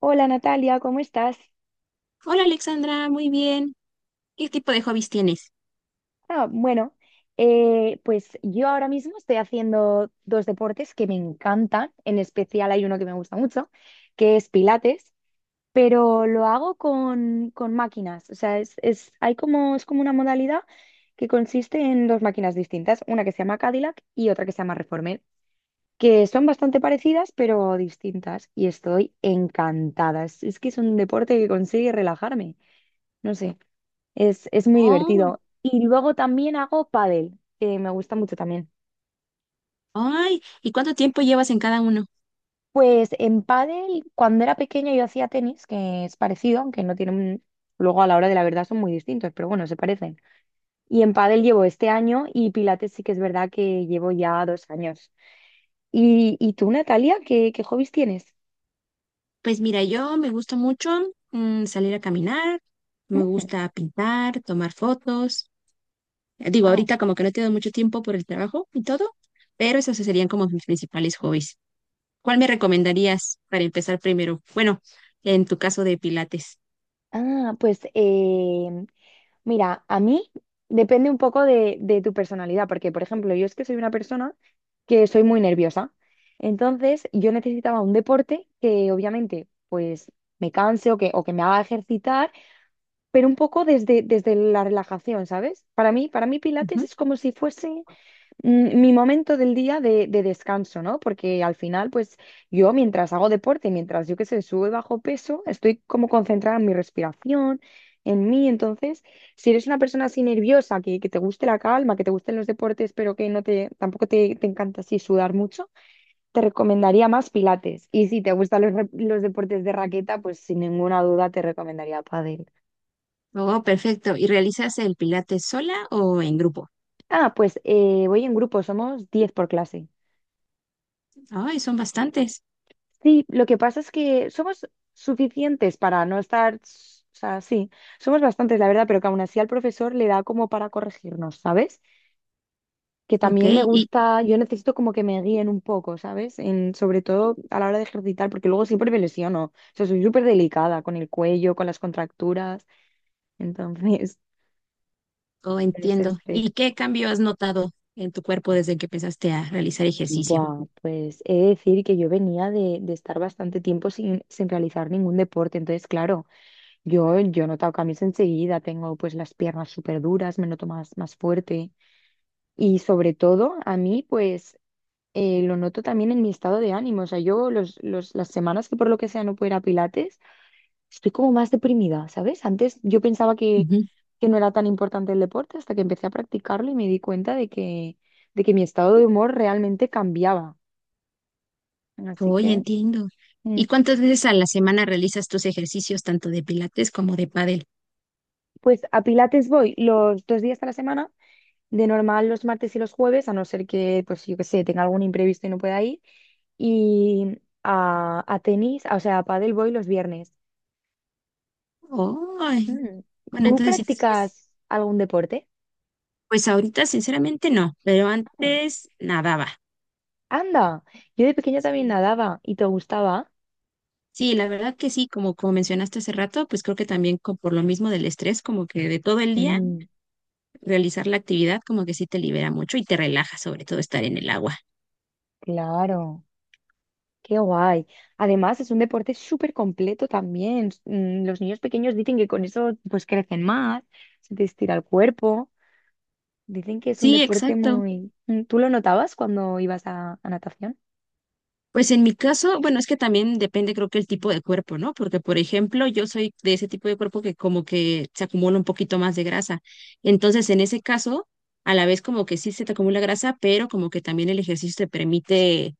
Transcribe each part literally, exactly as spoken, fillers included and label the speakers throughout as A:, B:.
A: Hola Natalia, ¿cómo estás?
B: Hola Alexandra, muy bien. ¿Qué tipo de hobbies tienes?
A: Ah, bueno, eh, pues yo ahora mismo estoy haciendo dos deportes que me encantan, en especial hay uno que me gusta mucho, que es Pilates, pero lo hago con, con máquinas, o sea, es, es- hay como, es como una modalidad que consiste en dos máquinas distintas, una que se llama Cadillac y otra que se llama Reformer, que son bastante parecidas pero distintas y estoy encantada, es, es que es un deporte que consigue relajarme, no sé. Es, es muy
B: Oh,
A: divertido. Y luego también hago pádel, que me gusta mucho también.
B: ay, ¿y cuánto tiempo llevas en cada uno?
A: Pues en pádel, cuando era pequeña yo hacía tenis, que es parecido, aunque no tienen, luego a la hora de la verdad son muy distintos, pero bueno, se parecen. Y en pádel llevo este año y pilates sí que es verdad que llevo ya dos años. ¿Y, y tú, Natalia, qué, qué hobbies tienes?
B: Pues mira, yo me gusta mucho mm, salir a caminar, me gusta pintar, tomar fotos. Eh, Digo,
A: Wow.
B: ahorita como que no tengo mucho tiempo por el trabajo y todo, pero esos serían como mis principales hobbies. ¿Cuál me recomendarías para empezar primero? Bueno, en tu caso de pilates.
A: Ah, pues eh, mira, a mí depende un poco de, de tu personalidad, porque, por ejemplo, yo es que soy una persona que soy muy nerviosa. Entonces, yo necesitaba un deporte que obviamente, pues, me canse o que, o que me haga ejercitar, pero un poco desde, desde la relajación, ¿sabes? Para mí, para mí Pilates
B: Ujú.
A: es como si fuese mm, mi momento del día de, de descanso, ¿no? Porque al final, pues yo mientras hago deporte, mientras yo que sé, subo y bajo peso, estoy como concentrada en mi respiración, en mí. Entonces, si eres una persona así nerviosa, que, que te guste la calma, que te gusten los deportes, pero que no te, tampoco te, te encanta así sudar mucho, te recomendaría más pilates. Y si te gustan los, re- los deportes de raqueta, pues sin ninguna duda te recomendaría pádel.
B: Oh, perfecto. ¿Y realizas el pilates sola o en grupo?
A: Ah, pues eh, voy en grupo, somos diez por clase.
B: Ay, son bastantes.
A: Sí, lo que pasa es que somos suficientes para no estar, s- o sea, sí, somos bastantes, la verdad, pero que aún así al profesor le da como para corregirnos, ¿sabes? Que
B: Ok.
A: también me gusta, yo necesito como que me guíen un poco, ¿sabes? En, sobre todo a la hora de ejercitar, porque luego siempre me lesiono, o sea, soy súper delicada con el cuello, con las contracturas, entonces,
B: Oh,
A: en ese
B: entiendo. ¿Y
A: aspecto.
B: qué cambio has notado en tu cuerpo desde que empezaste a realizar ejercicio?
A: Buah, pues he de decir que yo venía de, de estar bastante tiempo sin, sin realizar ningún deporte, entonces, claro. Yo, yo he notado cambios enseguida, tengo pues las piernas súper duras, me noto más, más fuerte y sobre todo a mí pues eh, lo noto también en mi estado de ánimo, o sea, yo los, los, las semanas que por lo que sea no puedo ir a Pilates, estoy como más deprimida, ¿sabes? Antes yo pensaba que,
B: Ujú.
A: que no era tan importante el deporte hasta que empecé a practicarlo y me di cuenta de que, de que mi estado de humor realmente cambiaba, así
B: Oye,
A: que.
B: entiendo.
A: Mm.
B: ¿Y cuántas veces a la semana realizas tus ejercicios tanto de pilates como de pádel?
A: Pues a Pilates voy los dos días a la semana. De normal los martes y los jueves, a no ser que, pues yo que sé, tenga algún imprevisto y no pueda ir. Y a, a tenis, o sea, a pádel voy los viernes.
B: Oh,
A: Mm,
B: bueno,
A: ¿Tú
B: entonces sí, sí es-
A: practicas algún deporte?
B: pues ahorita sinceramente no, pero
A: Ah,
B: antes nadaba.
A: anda, yo de pequeña también
B: Sí.
A: nadaba y te gustaba.
B: Sí, la verdad que sí, como, como mencionaste hace rato, pues creo que también co- por lo mismo del estrés, como que de todo el día,
A: Mm,
B: realizar la actividad como que sí te libera mucho y te relaja, sobre todo estar en el agua.
A: claro, qué guay. Además, es un deporte súper completo también. Mm, los niños pequeños dicen que con eso pues crecen más, se te estira el cuerpo. Dicen que es un
B: Sí,
A: deporte
B: exacto.
A: muy... Mm, ¿Tú lo notabas cuando ibas a, a natación?
B: Pues en mi caso, bueno, es que también depende creo que el tipo de cuerpo, ¿no? Porque, por ejemplo, yo soy de ese tipo de cuerpo que como que se acumula un poquito más de grasa. Entonces, en ese caso, a la vez como que sí se te acumula grasa, pero como que también el ejercicio te permite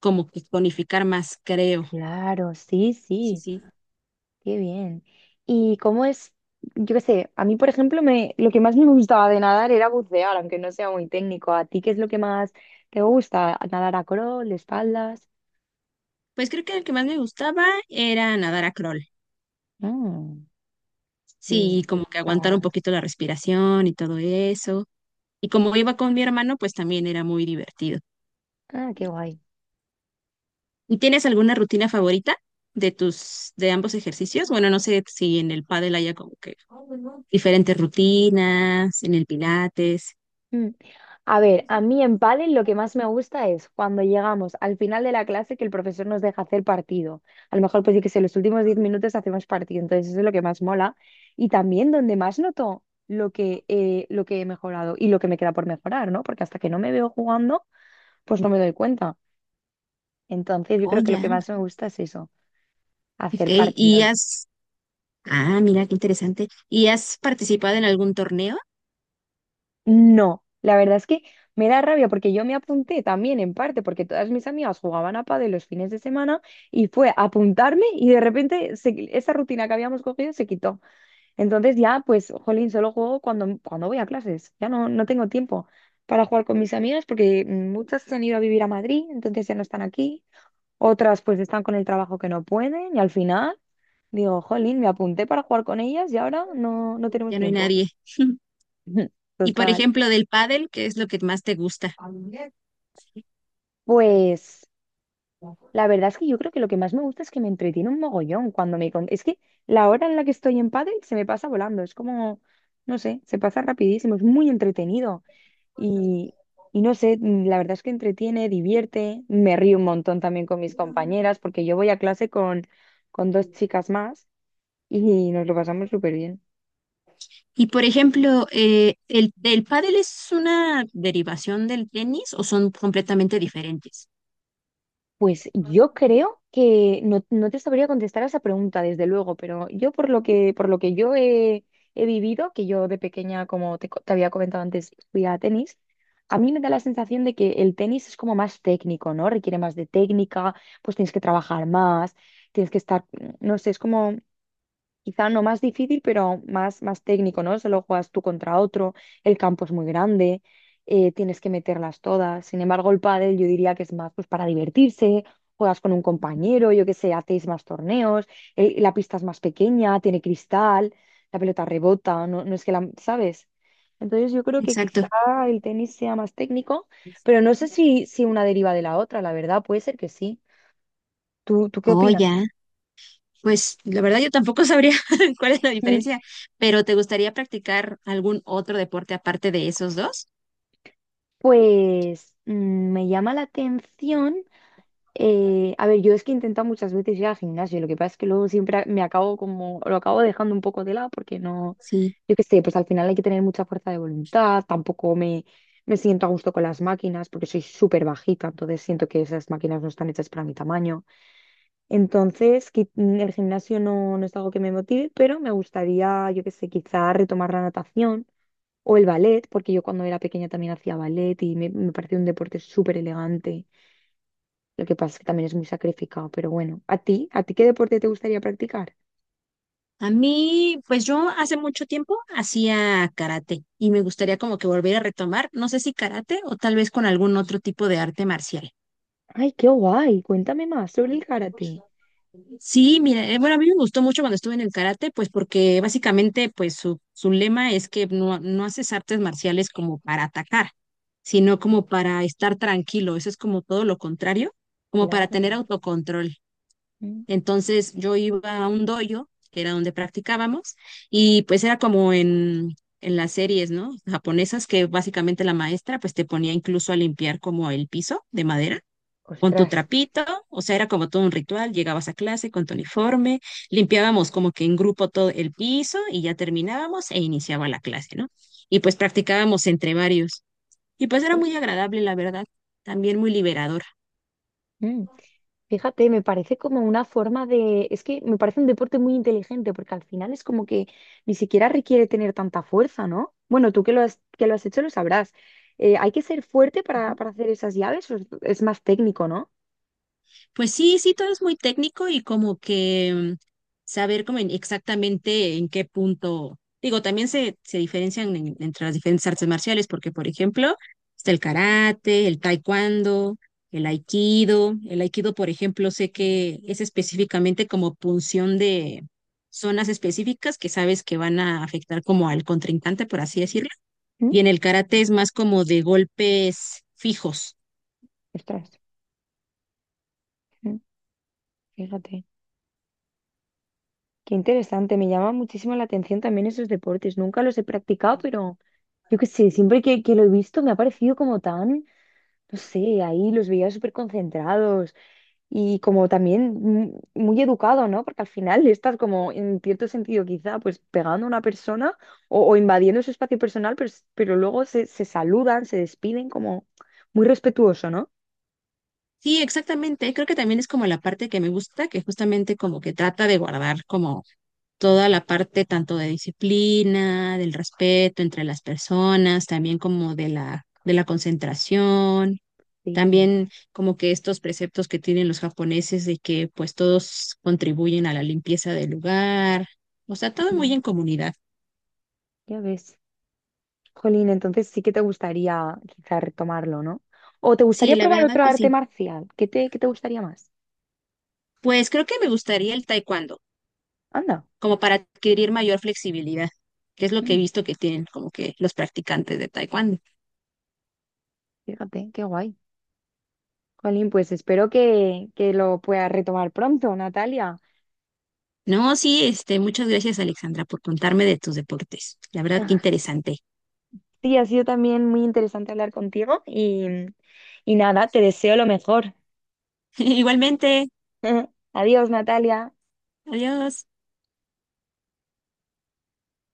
B: como que tonificar más, creo.
A: Claro, sí,
B: Sí,
A: sí,
B: sí.
A: qué bien. ¿Y cómo es? Yo qué sé, a mí, por ejemplo, me, lo que más me gustaba de nadar era bucear, aunque no sea muy técnico. ¿A ti qué es lo que más te gusta? ¿Nadar a crawl, de espaldas?
B: Pues creo que el que más me gustaba era nadar a crawl.
A: Mm, sí,
B: Sí, como que
A: está
B: aguantar un
A: guay.
B: poquito la respiración y todo eso. Y como iba con mi hermano, pues también era muy divertido.
A: Ah, qué guay.
B: ¿Y tienes alguna rutina favorita de tus, de ambos ejercicios? Bueno, no sé si en el pádel haya como que diferentes rutinas, en el pilates.
A: Mm. A ver, a mí en pádel lo que más me gusta es cuando llegamos al final de la clase que el profesor nos deja hacer partido. A lo mejor pues sí que sé, los últimos diez minutos hacemos partido, entonces eso es lo que más mola. Y también donde más noto lo que, eh, lo que he mejorado y lo que me queda por mejorar, ¿no? Porque hasta que no me veo jugando, pues no me doy cuenta. Entonces yo
B: Oh,
A: creo que lo que
B: ya.
A: más me gusta es eso,
B: Ok.
A: hacer
B: ¿Y
A: partidos.
B: has, ah, mira, qué interesante. ¿Y has participado en algún torneo?
A: No, la verdad es que me da rabia porque yo me apunté también en parte porque todas mis amigas jugaban a pádel los fines de semana y fue apuntarme y de repente se- esa rutina que habíamos cogido se quitó. Entonces ya, pues, jolín, solo juego cuando, cuando voy a clases. Ya no, no tengo tiempo para jugar con mis amigas porque muchas se han ido a vivir a Madrid, entonces ya no están aquí. Otras pues están con el trabajo que no pueden y al final digo, jolín, me apunté para jugar con ellas y ahora no, no tenemos
B: Ya no hay
A: tiempo.
B: nadie. Y por
A: Total.
B: ejemplo, del pádel, ¿qué es lo que más te gusta?
A: Pues... La verdad es que yo creo que lo que más me gusta es que me entretiene un mogollón. cuando me... con- Es que la hora en la que estoy en pádel se me pasa volando, es como, no sé, se pasa rapidísimo, es muy entretenido y, y no sé, mm, la verdad es que entretiene, divierte, me río un montón también con mis compañeras porque yo voy a clase con, con dos chicas más y nos lo pasamos súper bien.
B: Y por ejemplo, eh, ¿el, el pádel es una derivación del tenis o son completamente diferentes?
A: Pues yo creo que no, no te sabría contestar a esa pregunta, desde luego, pero yo por lo que, por lo que yo he, he vivido, que yo de pequeña, como te, co- te había comentado antes, fui a tenis, a mí me da la sensación de que el tenis es como más técnico, ¿no? Requiere más de técnica, pues tienes que trabajar más, tienes que estar, no sé, es como quizá no más difícil, pero más, más técnico, ¿no? Solo juegas tú contra otro, el campo es muy grande, eh, tienes que meterlas todas. Sin embargo, el pádel yo diría que es más pues, para divertirse, juegas con un compañero, yo qué sé, hacéis más torneos, eh, la pista es más pequeña, tiene cristal, la pelota rebota, no, no es que la, ¿sabes? Entonces yo creo que
B: Exacto.
A: quizá el tenis sea más técnico, pero no sé si, si una deriva de la otra, la verdad, puede ser que sí. ¿Tú, tú qué
B: Oh, ya.
A: opinas?
B: Pues la verdad yo tampoco sabría cuál es la diferencia, pero ¿te gustaría practicar algún otro deporte aparte de esos dos?
A: Pues mm, me llama la atención. Eh, a ver, yo es que he intentado muchas veces ir al gimnasio, lo que pasa es que luego siempre a- me acabo como, lo acabo dejando un poco de lado porque no,
B: Sí.
A: yo qué sé, pues al final hay que tener mucha fuerza de voluntad, tampoco me, me siento a gusto con las máquinas porque soy súper bajita, entonces siento que esas máquinas no están hechas para mi tamaño. Entonces, qui- mm, el gimnasio no, no es algo que me motive, pero me gustaría, yo qué sé, quizá retomar la natación o el ballet, porque yo cuando era pequeña también hacía ballet y me, me pareció un deporte súper elegante. Lo que pasa es que también es muy sacrificado, pero bueno. ¿A ti? ¿A ti qué deporte te gustaría practicar?
B: A mí, pues yo hace mucho tiempo hacía karate y me gustaría como que volver a retomar, no sé si karate o tal vez con algún otro tipo de arte marcial.
A: Ay, qué guay. Cuéntame más sobre el karate.
B: Sí, mira, eh, bueno, a mí me gustó mucho cuando estuve en el karate, pues porque básicamente pues su, su lema es que no, no haces artes marciales como para atacar, sino como para estar tranquilo, eso es como todo lo contrario, como para
A: Claro.
B: tener autocontrol.
A: Mm.
B: Entonces yo iba a un dojo, que era donde practicábamos, y pues era como en, en las series, ¿no? Japonesas, que básicamente la maestra pues te ponía incluso a limpiar como el piso de madera con tu
A: Ostras.
B: trapito, o sea, era como todo un ritual, llegabas a clase con tu uniforme, limpiábamos como que en grupo todo el piso y ya terminábamos e iniciaba la clase, ¿no? Y pues practicábamos entre varios. Y pues era muy
A: Ostras.
B: agradable, la verdad, también muy liberador.
A: Mm. Fíjate, me parece como una forma de... Es que me parece un deporte muy inteligente porque al final es como que ni siquiera requiere tener tanta fuerza, ¿no? Bueno, tú que lo has, que lo has hecho lo sabrás. Eh, ¿hay que ser fuerte para,
B: Ujú.
A: para hacer esas llaves o es es más técnico, ¿no?
B: Pues sí, sí, todo es muy técnico y como que mm, saber como en- exactamente en qué punto. Digo, también se, se diferencian en- entre las diferentes artes marciales, porque por ejemplo, está el karate, el taekwondo, el aikido. El aikido, por ejemplo, sé que es específicamente como punción de zonas específicas que sabes que van a afectar como al contrincante, por así decirlo.
A: Mm,
B: Y en el karate es más como de golpes fijos.
A: Ostras, mm, fíjate. Qué interesante, me llama muchísimo la atención también esos deportes. Nunca los he practicado, pero yo qué sé, siempre que, que lo he visto me ha parecido como tan, no sé, ahí los veía súper concentrados y como también mm, muy educado, ¿no? Porque al final estás como en cierto sentido quizá pues pegando a una persona o, o invadiendo su espacio personal, pero, s- pero luego se, se saludan, se despiden como muy respetuoso, ¿no?
B: Sí, exactamente. Creo que también es como la parte que me gusta, que justamente como que trata de guardar como toda la parte tanto de disciplina, del respeto entre las personas, también como de la, de la concentración,
A: Sí,
B: también como que estos preceptos que tienen los japoneses de que pues todos contribuyen a la limpieza del lugar, o sea, todo muy
A: Mm,
B: en comunidad.
A: ya ves. Jolín, entonces sí que te gustaría quizá retomarlo, ¿no? ¿O te
B: Sí,
A: gustaría
B: la
A: probar
B: verdad
A: otro
B: que
A: arte
B: sí.
A: marcial? ¿Qué te, qué te gustaría más?
B: Pues creo que me gustaría el taekwondo,
A: Anda,
B: como para adquirir mayor flexibilidad, que es lo que
A: mm,
B: he visto que tienen como que los practicantes de taekwondo.
A: fíjate, qué guay. Jolín, pues espero que, que lo puedas retomar pronto, Natalia.
B: No, sí, este, muchas gracias, Alexandra, por contarme de tus deportes. La verdad, que interesante.
A: Sí, ha sido también muy interesante hablar contigo y, y nada, te deseo lo mejor.
B: Igualmente,
A: Adiós, Natalia.
B: adiós.